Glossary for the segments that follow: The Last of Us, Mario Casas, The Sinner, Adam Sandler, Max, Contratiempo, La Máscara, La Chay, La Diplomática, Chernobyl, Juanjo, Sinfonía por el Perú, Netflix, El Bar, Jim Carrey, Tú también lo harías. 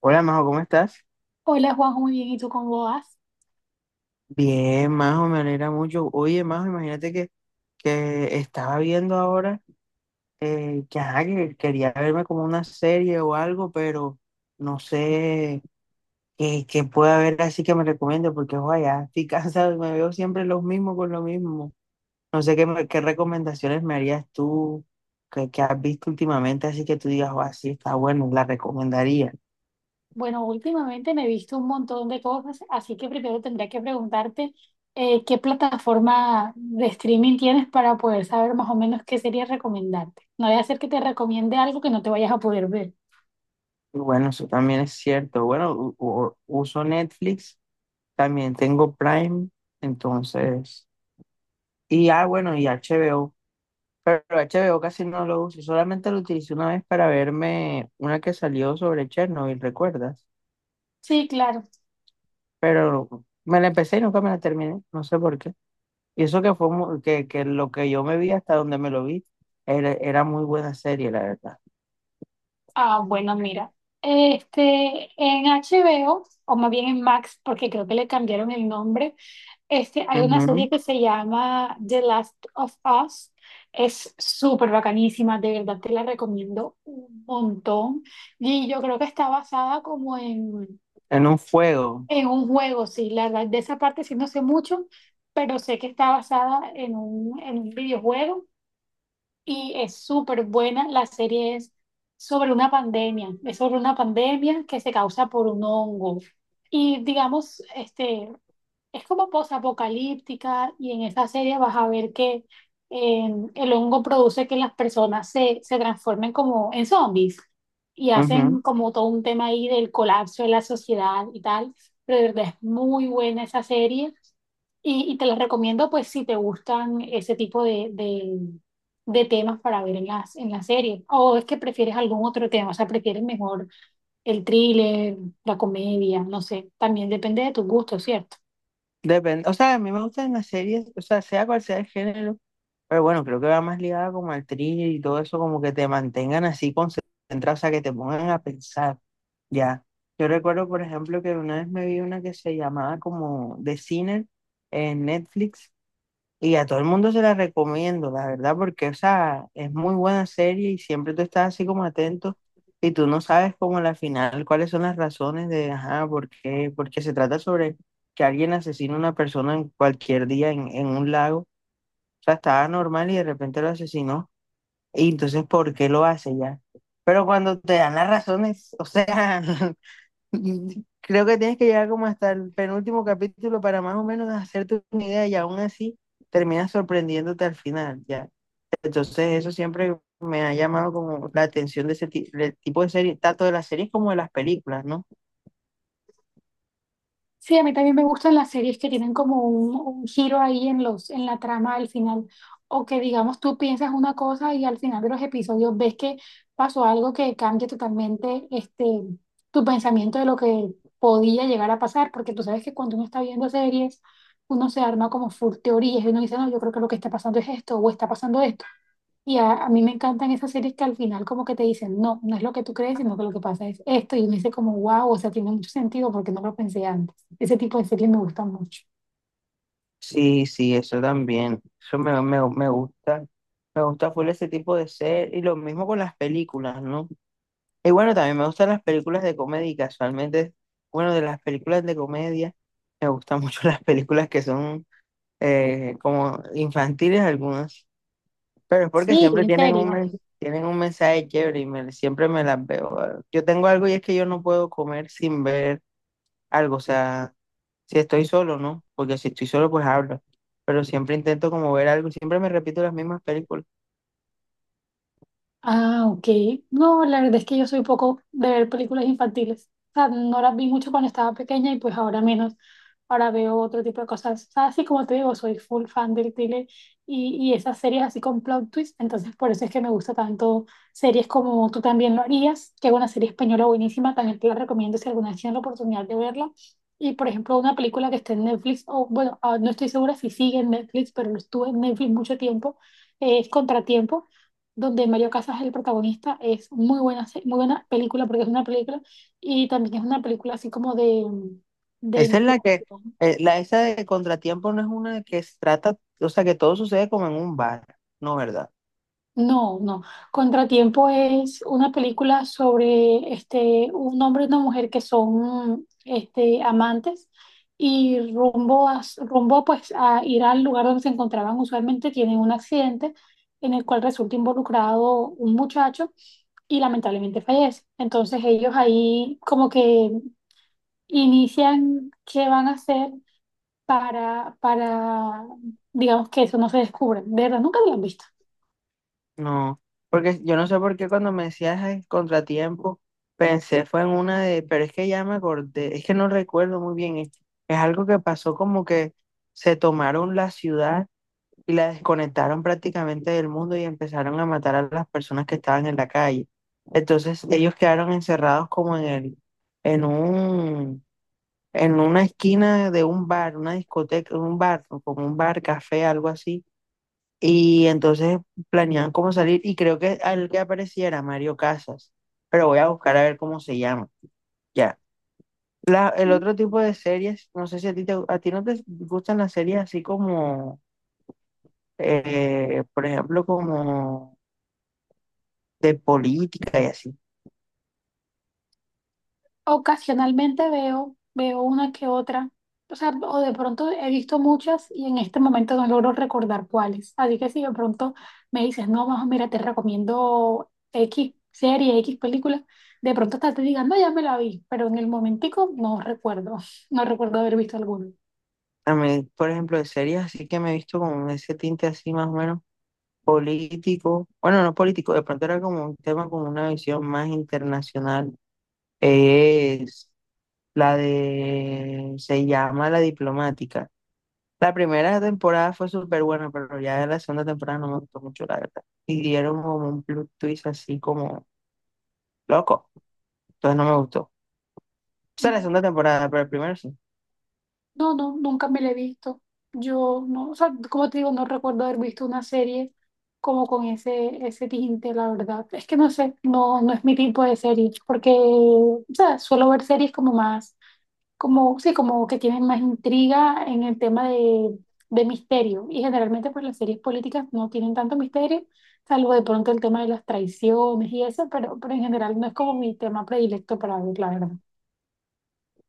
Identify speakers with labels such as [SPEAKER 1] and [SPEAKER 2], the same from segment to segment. [SPEAKER 1] Hola, Majo, ¿cómo estás?
[SPEAKER 2] Hola Juanjo, muy bien. ¿Y tú cómo vas?
[SPEAKER 1] Bien, Majo, me alegra mucho. Oye, Majo, imagínate que estaba viendo ahora, que, ajá, que quería verme como una serie o algo, pero no sé qué, qué puede haber así que me recomiende, porque ojalá, estoy cansado y me veo siempre los mismos con lo mismo. No sé qué, qué recomendaciones me harías tú que has visto últimamente, así que tú digas, oh, así está bueno, la recomendaría.
[SPEAKER 2] Bueno, últimamente me he visto un montón de cosas, así que primero tendría que preguntarte qué plataforma de streaming tienes para poder saber más o menos qué sería recomendarte. No voy a hacer que te recomiende algo que no te vayas a poder ver.
[SPEAKER 1] Y bueno, eso también es cierto. Bueno, uso Netflix, también tengo Prime, entonces, y ah, bueno, y HBO. Pero H B o casi no lo uso, solamente lo utilicé una vez para verme una que salió sobre Chernobyl, ¿recuerdas?
[SPEAKER 2] Sí, claro.
[SPEAKER 1] Pero me la empecé y nunca me la terminé, no sé por qué. Y eso que fue que lo que yo me vi hasta donde me lo vi, era muy buena serie, la verdad.
[SPEAKER 2] Ah, bueno, mira. Este, en HBO, o más bien en Max, porque creo que le cambiaron el nombre. Este, hay una serie
[SPEAKER 1] Ujú.
[SPEAKER 2] que se llama The Last of Us. Es súper bacanísima, de verdad te la recomiendo un montón. Y yo creo que está basada como en,
[SPEAKER 1] En un fuego.
[SPEAKER 2] en un juego, sí, la verdad, de esa parte sí no sé mucho, pero sé que está basada en un videojuego y es súper buena. La serie es sobre una pandemia que se causa por un hongo. Y digamos, este, es como posapocalíptica y en esa serie vas a ver que eh, el hongo produce que las personas se transformen como en zombies y
[SPEAKER 1] Ujú.
[SPEAKER 2] hacen como todo un tema ahí del colapso de la sociedad y tal. Pero de verdad es muy buena esa serie y te la recomiendo pues si te gustan ese tipo de temas para ver en en la serie. O es que prefieres algún otro tema, o sea, prefieres mejor el thriller, la comedia, no sé, también depende de tus gustos, ¿cierto?
[SPEAKER 1] Depende, o sea, a mí me gustan las series, o sea, sea cual sea el género, pero bueno, creo que va más ligada como al thriller y todo eso, como que te mantengan así concentrado, o sea, que te pongan a pensar. Ya, yo recuerdo, por ejemplo, que una vez me vi una que se llamaba como The Sinner en Netflix y a todo el mundo se la recomiendo, la verdad, porque, o sea, es muy buena serie y siempre tú estás así como atento y tú no sabes como a la final cuáles son las razones de, ajá, por qué, porque se trata sobre que alguien asesina a una persona en cualquier día en un lago, o sea, estaba normal y de repente lo asesinó y entonces, ¿por qué lo hace ya? Pero cuando te dan las razones, o sea... Y creo que tienes que llegar como hasta el penúltimo capítulo para más o menos hacerte una idea y aún así terminas sorprendiéndote al final, ya. Entonces eso siempre me ha llamado como la atención de ese del tipo de serie, tanto de las series como de las películas, ¿no?
[SPEAKER 2] Sí, a mí también me gustan las series que tienen como un giro ahí en en la trama al final, o que digamos tú piensas una cosa y al final de los episodios ves que pasó algo que cambia totalmente este, tu pensamiento de lo que podía llegar a pasar, porque tú sabes que cuando uno está viendo series, uno se arma como full teorías y uno dice, no, yo creo que lo que está pasando es esto, o está pasando esto. Y a mí me encantan esas series que al final como que te dicen, no, no es lo que tú crees, sino que lo que pasa es esto. Y me dice como, wow, o sea, tiene mucho sentido porque no lo pensé antes. Ese tipo de series me gustan mucho.
[SPEAKER 1] Sí, sí, eso también, eso me gusta full ese tipo de serie y lo mismo con las películas, ¿no? Y bueno, también me gustan las películas de comedia, y casualmente, bueno, de las películas de comedia, me gustan mucho las películas que son como infantiles algunas, pero es porque
[SPEAKER 2] Sí,
[SPEAKER 1] siempre
[SPEAKER 2] en
[SPEAKER 1] tienen
[SPEAKER 2] serio.
[SPEAKER 1] tienen un mensaje chévere y siempre me las veo. Yo tengo algo y es que yo no puedo comer sin ver algo, o sea, si estoy solo, ¿no? Porque si estoy solo, pues hablo, pero siempre intento como ver algo, siempre me repito las mismas películas.
[SPEAKER 2] Ah, ok. No, la verdad es que yo soy poco de ver películas infantiles. O sea, no las vi mucho cuando estaba pequeña y pues ahora menos. Ahora veo otro tipo de cosas. O sea, así como te digo, soy full fan del thriller y esas series así con plot twist. Entonces, por eso es que me gusta tanto series como Tú también lo harías, que es una serie española buenísima. También te la recomiendo si alguna vez tienes la oportunidad de verla. Y, por ejemplo, una película que está en Netflix, o bueno, ah, no estoy segura si sigue en Netflix, pero estuvo en Netflix mucho tiempo, es Contratiempo donde Mario Casas es el protagonista. Es muy buena, muy buena película porque es una película y también es una película así como de
[SPEAKER 1] Esa es la que,
[SPEAKER 2] investigación.
[SPEAKER 1] esa de Contratiempo no es una que se trata, o sea, que todo sucede como en un bar, ¿no, verdad?
[SPEAKER 2] No, no. Contratiempo es una película sobre este, un hombre y una mujer que son este, amantes y rumbo pues a ir al lugar donde se encontraban usualmente tienen un accidente en el cual resulta involucrado un muchacho y lamentablemente fallece. Entonces ellos ahí como que inician qué van a hacer para, digamos, que eso no se descubra. De verdad, nunca lo han visto.
[SPEAKER 1] No, porque yo no sé por qué cuando me decías el contratiempo, pensé fue en una de, pero es que ya me acordé, es que no recuerdo muy bien, es algo que pasó como que se tomaron la ciudad y la desconectaron prácticamente del mundo y empezaron a matar a las personas que estaban en la calle. Entonces ellos quedaron encerrados como en un, en una esquina de un bar, una discoteca, un bar, como un bar, café, algo así y entonces planeaban cómo salir y creo que al que aparecía era Mario Casas, pero voy a buscar a ver cómo se llama. Ya. El otro tipo de series, no sé si a ti, a ti no te gustan las series así como, por ejemplo, como de política y así.
[SPEAKER 2] Ocasionalmente veo una que otra, o sea, o de pronto he visto muchas y en este momento no logro recordar cuáles. Así que si de pronto me dices, no, más mira, te recomiendo X serie, X película, de pronto hasta te digan, no, ya me la vi, pero en el momentico no recuerdo, no recuerdo haber visto alguna.
[SPEAKER 1] A mí, por ejemplo, de series así que me he visto con ese tinte así más o menos político. Bueno, no político, de pronto era como un tema con una visión más internacional. Es la de... Se llama La Diplomática. La primera temporada fue súper buena, pero ya la segunda temporada no me gustó mucho, la verdad. Y dieron como un plot twist así como loco. Entonces no me gustó. O sea, la segunda temporada, pero el primero sí.
[SPEAKER 2] No, no, nunca me la he visto. Yo no, o sea, como te digo, no recuerdo haber visto una serie como con ese tinte, la verdad. Es que no sé, no, no es mi tipo de serie, porque, o sea, suelo ver series como más, como, sí, como que tienen más intriga en el tema de misterio. Y generalmente, pues las series políticas no tienen tanto misterio, salvo de pronto el tema de las traiciones y eso, pero en general no es como mi tema predilecto para ver, la verdad.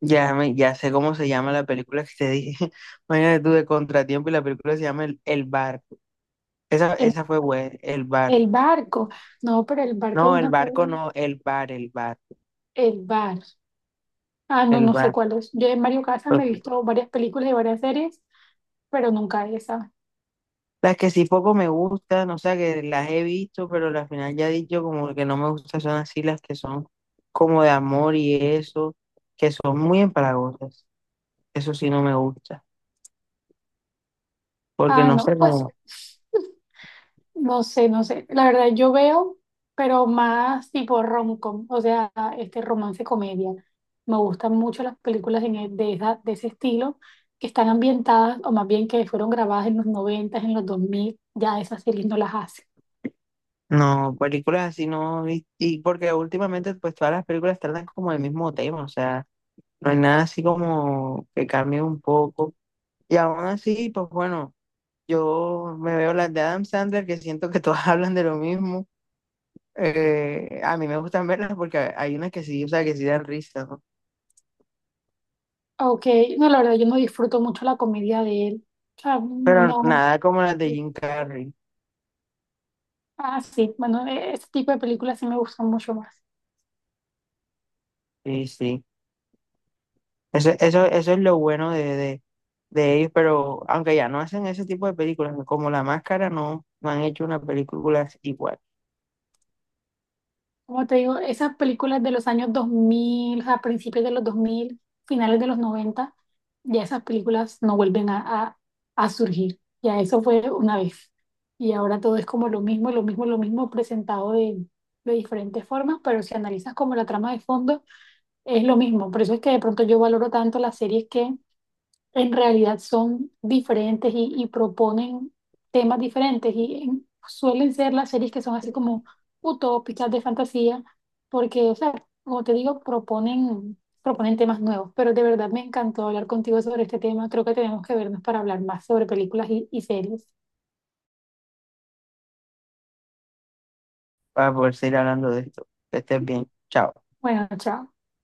[SPEAKER 1] Ya, me, ya sé cómo se llama la película que te dije. Imagínate tú de Contratiempo y la película se llama El Barco. Esa,
[SPEAKER 2] El,
[SPEAKER 1] esa fue buena, El Bar.
[SPEAKER 2] el barco, no, pero el barco es
[SPEAKER 1] No, El
[SPEAKER 2] una
[SPEAKER 1] Barco
[SPEAKER 2] serie.
[SPEAKER 1] no, El Bar,
[SPEAKER 2] El bar. Ah, no,
[SPEAKER 1] El
[SPEAKER 2] no sé
[SPEAKER 1] Bar.
[SPEAKER 2] cuál es. Yo en Mario Casas me he
[SPEAKER 1] Ok.
[SPEAKER 2] visto varias películas y varias series, pero nunca esa.
[SPEAKER 1] Las que sí poco me gustan, o sea, que las he visto, pero al final ya he dicho como que no me gustan, son así las que son como de amor y eso, que son muy empalagosas. Eso sí no me gusta, porque
[SPEAKER 2] Ah,
[SPEAKER 1] no
[SPEAKER 2] no,
[SPEAKER 1] sé
[SPEAKER 2] pues
[SPEAKER 1] cómo,
[SPEAKER 2] no sé, no sé. La verdad, yo veo, pero más tipo rom-com, o sea, este romance comedia. Me gustan mucho las películas de ese estilo, que están ambientadas, o más bien que fueron grabadas en los 90, en los 2000, ya esas series no las hace.
[SPEAKER 1] no, películas así no, y porque últimamente pues todas las películas tratan como el mismo tema, o sea, no hay nada así como que cambie un poco. Y aún así, pues bueno, yo me veo las de Adam Sandler que siento que todas hablan de lo mismo. A mí me gustan verlas porque hay unas que sí, o sea, que sí dan risa, ¿no?
[SPEAKER 2] Ok, no, la verdad, yo no disfruto mucho la comedia de él. O sea,
[SPEAKER 1] Pero
[SPEAKER 2] no.
[SPEAKER 1] nada como las de Jim Carrey.
[SPEAKER 2] Ah, sí, bueno, ese tipo de películas sí me gustan mucho más.
[SPEAKER 1] Sí, sí. Eso es lo bueno de ellos, pero aunque ya no hacen ese tipo de películas, como La Máscara, no, no han hecho una película igual
[SPEAKER 2] Como te digo, esas películas de los años 2000, a principios de los 2000 finales de los 90 ya esas películas no vuelven a surgir. Ya eso fue una vez. Y ahora todo es como lo mismo, lo mismo, lo mismo, presentado de diferentes formas, pero si analizas como la trama de fondo, es lo mismo. Por eso es que de pronto yo valoro tanto las series que en realidad son diferentes y proponen temas diferentes y suelen ser las series que son así como utópicas de fantasía, porque, o sea, como te digo, proponen temas nuevos, pero de verdad me encantó hablar contigo sobre este tema, creo que tenemos que vernos para hablar más sobre películas y series.
[SPEAKER 1] para poder seguir hablando de esto. Que estés bien. Chao.
[SPEAKER 2] Bueno, chao.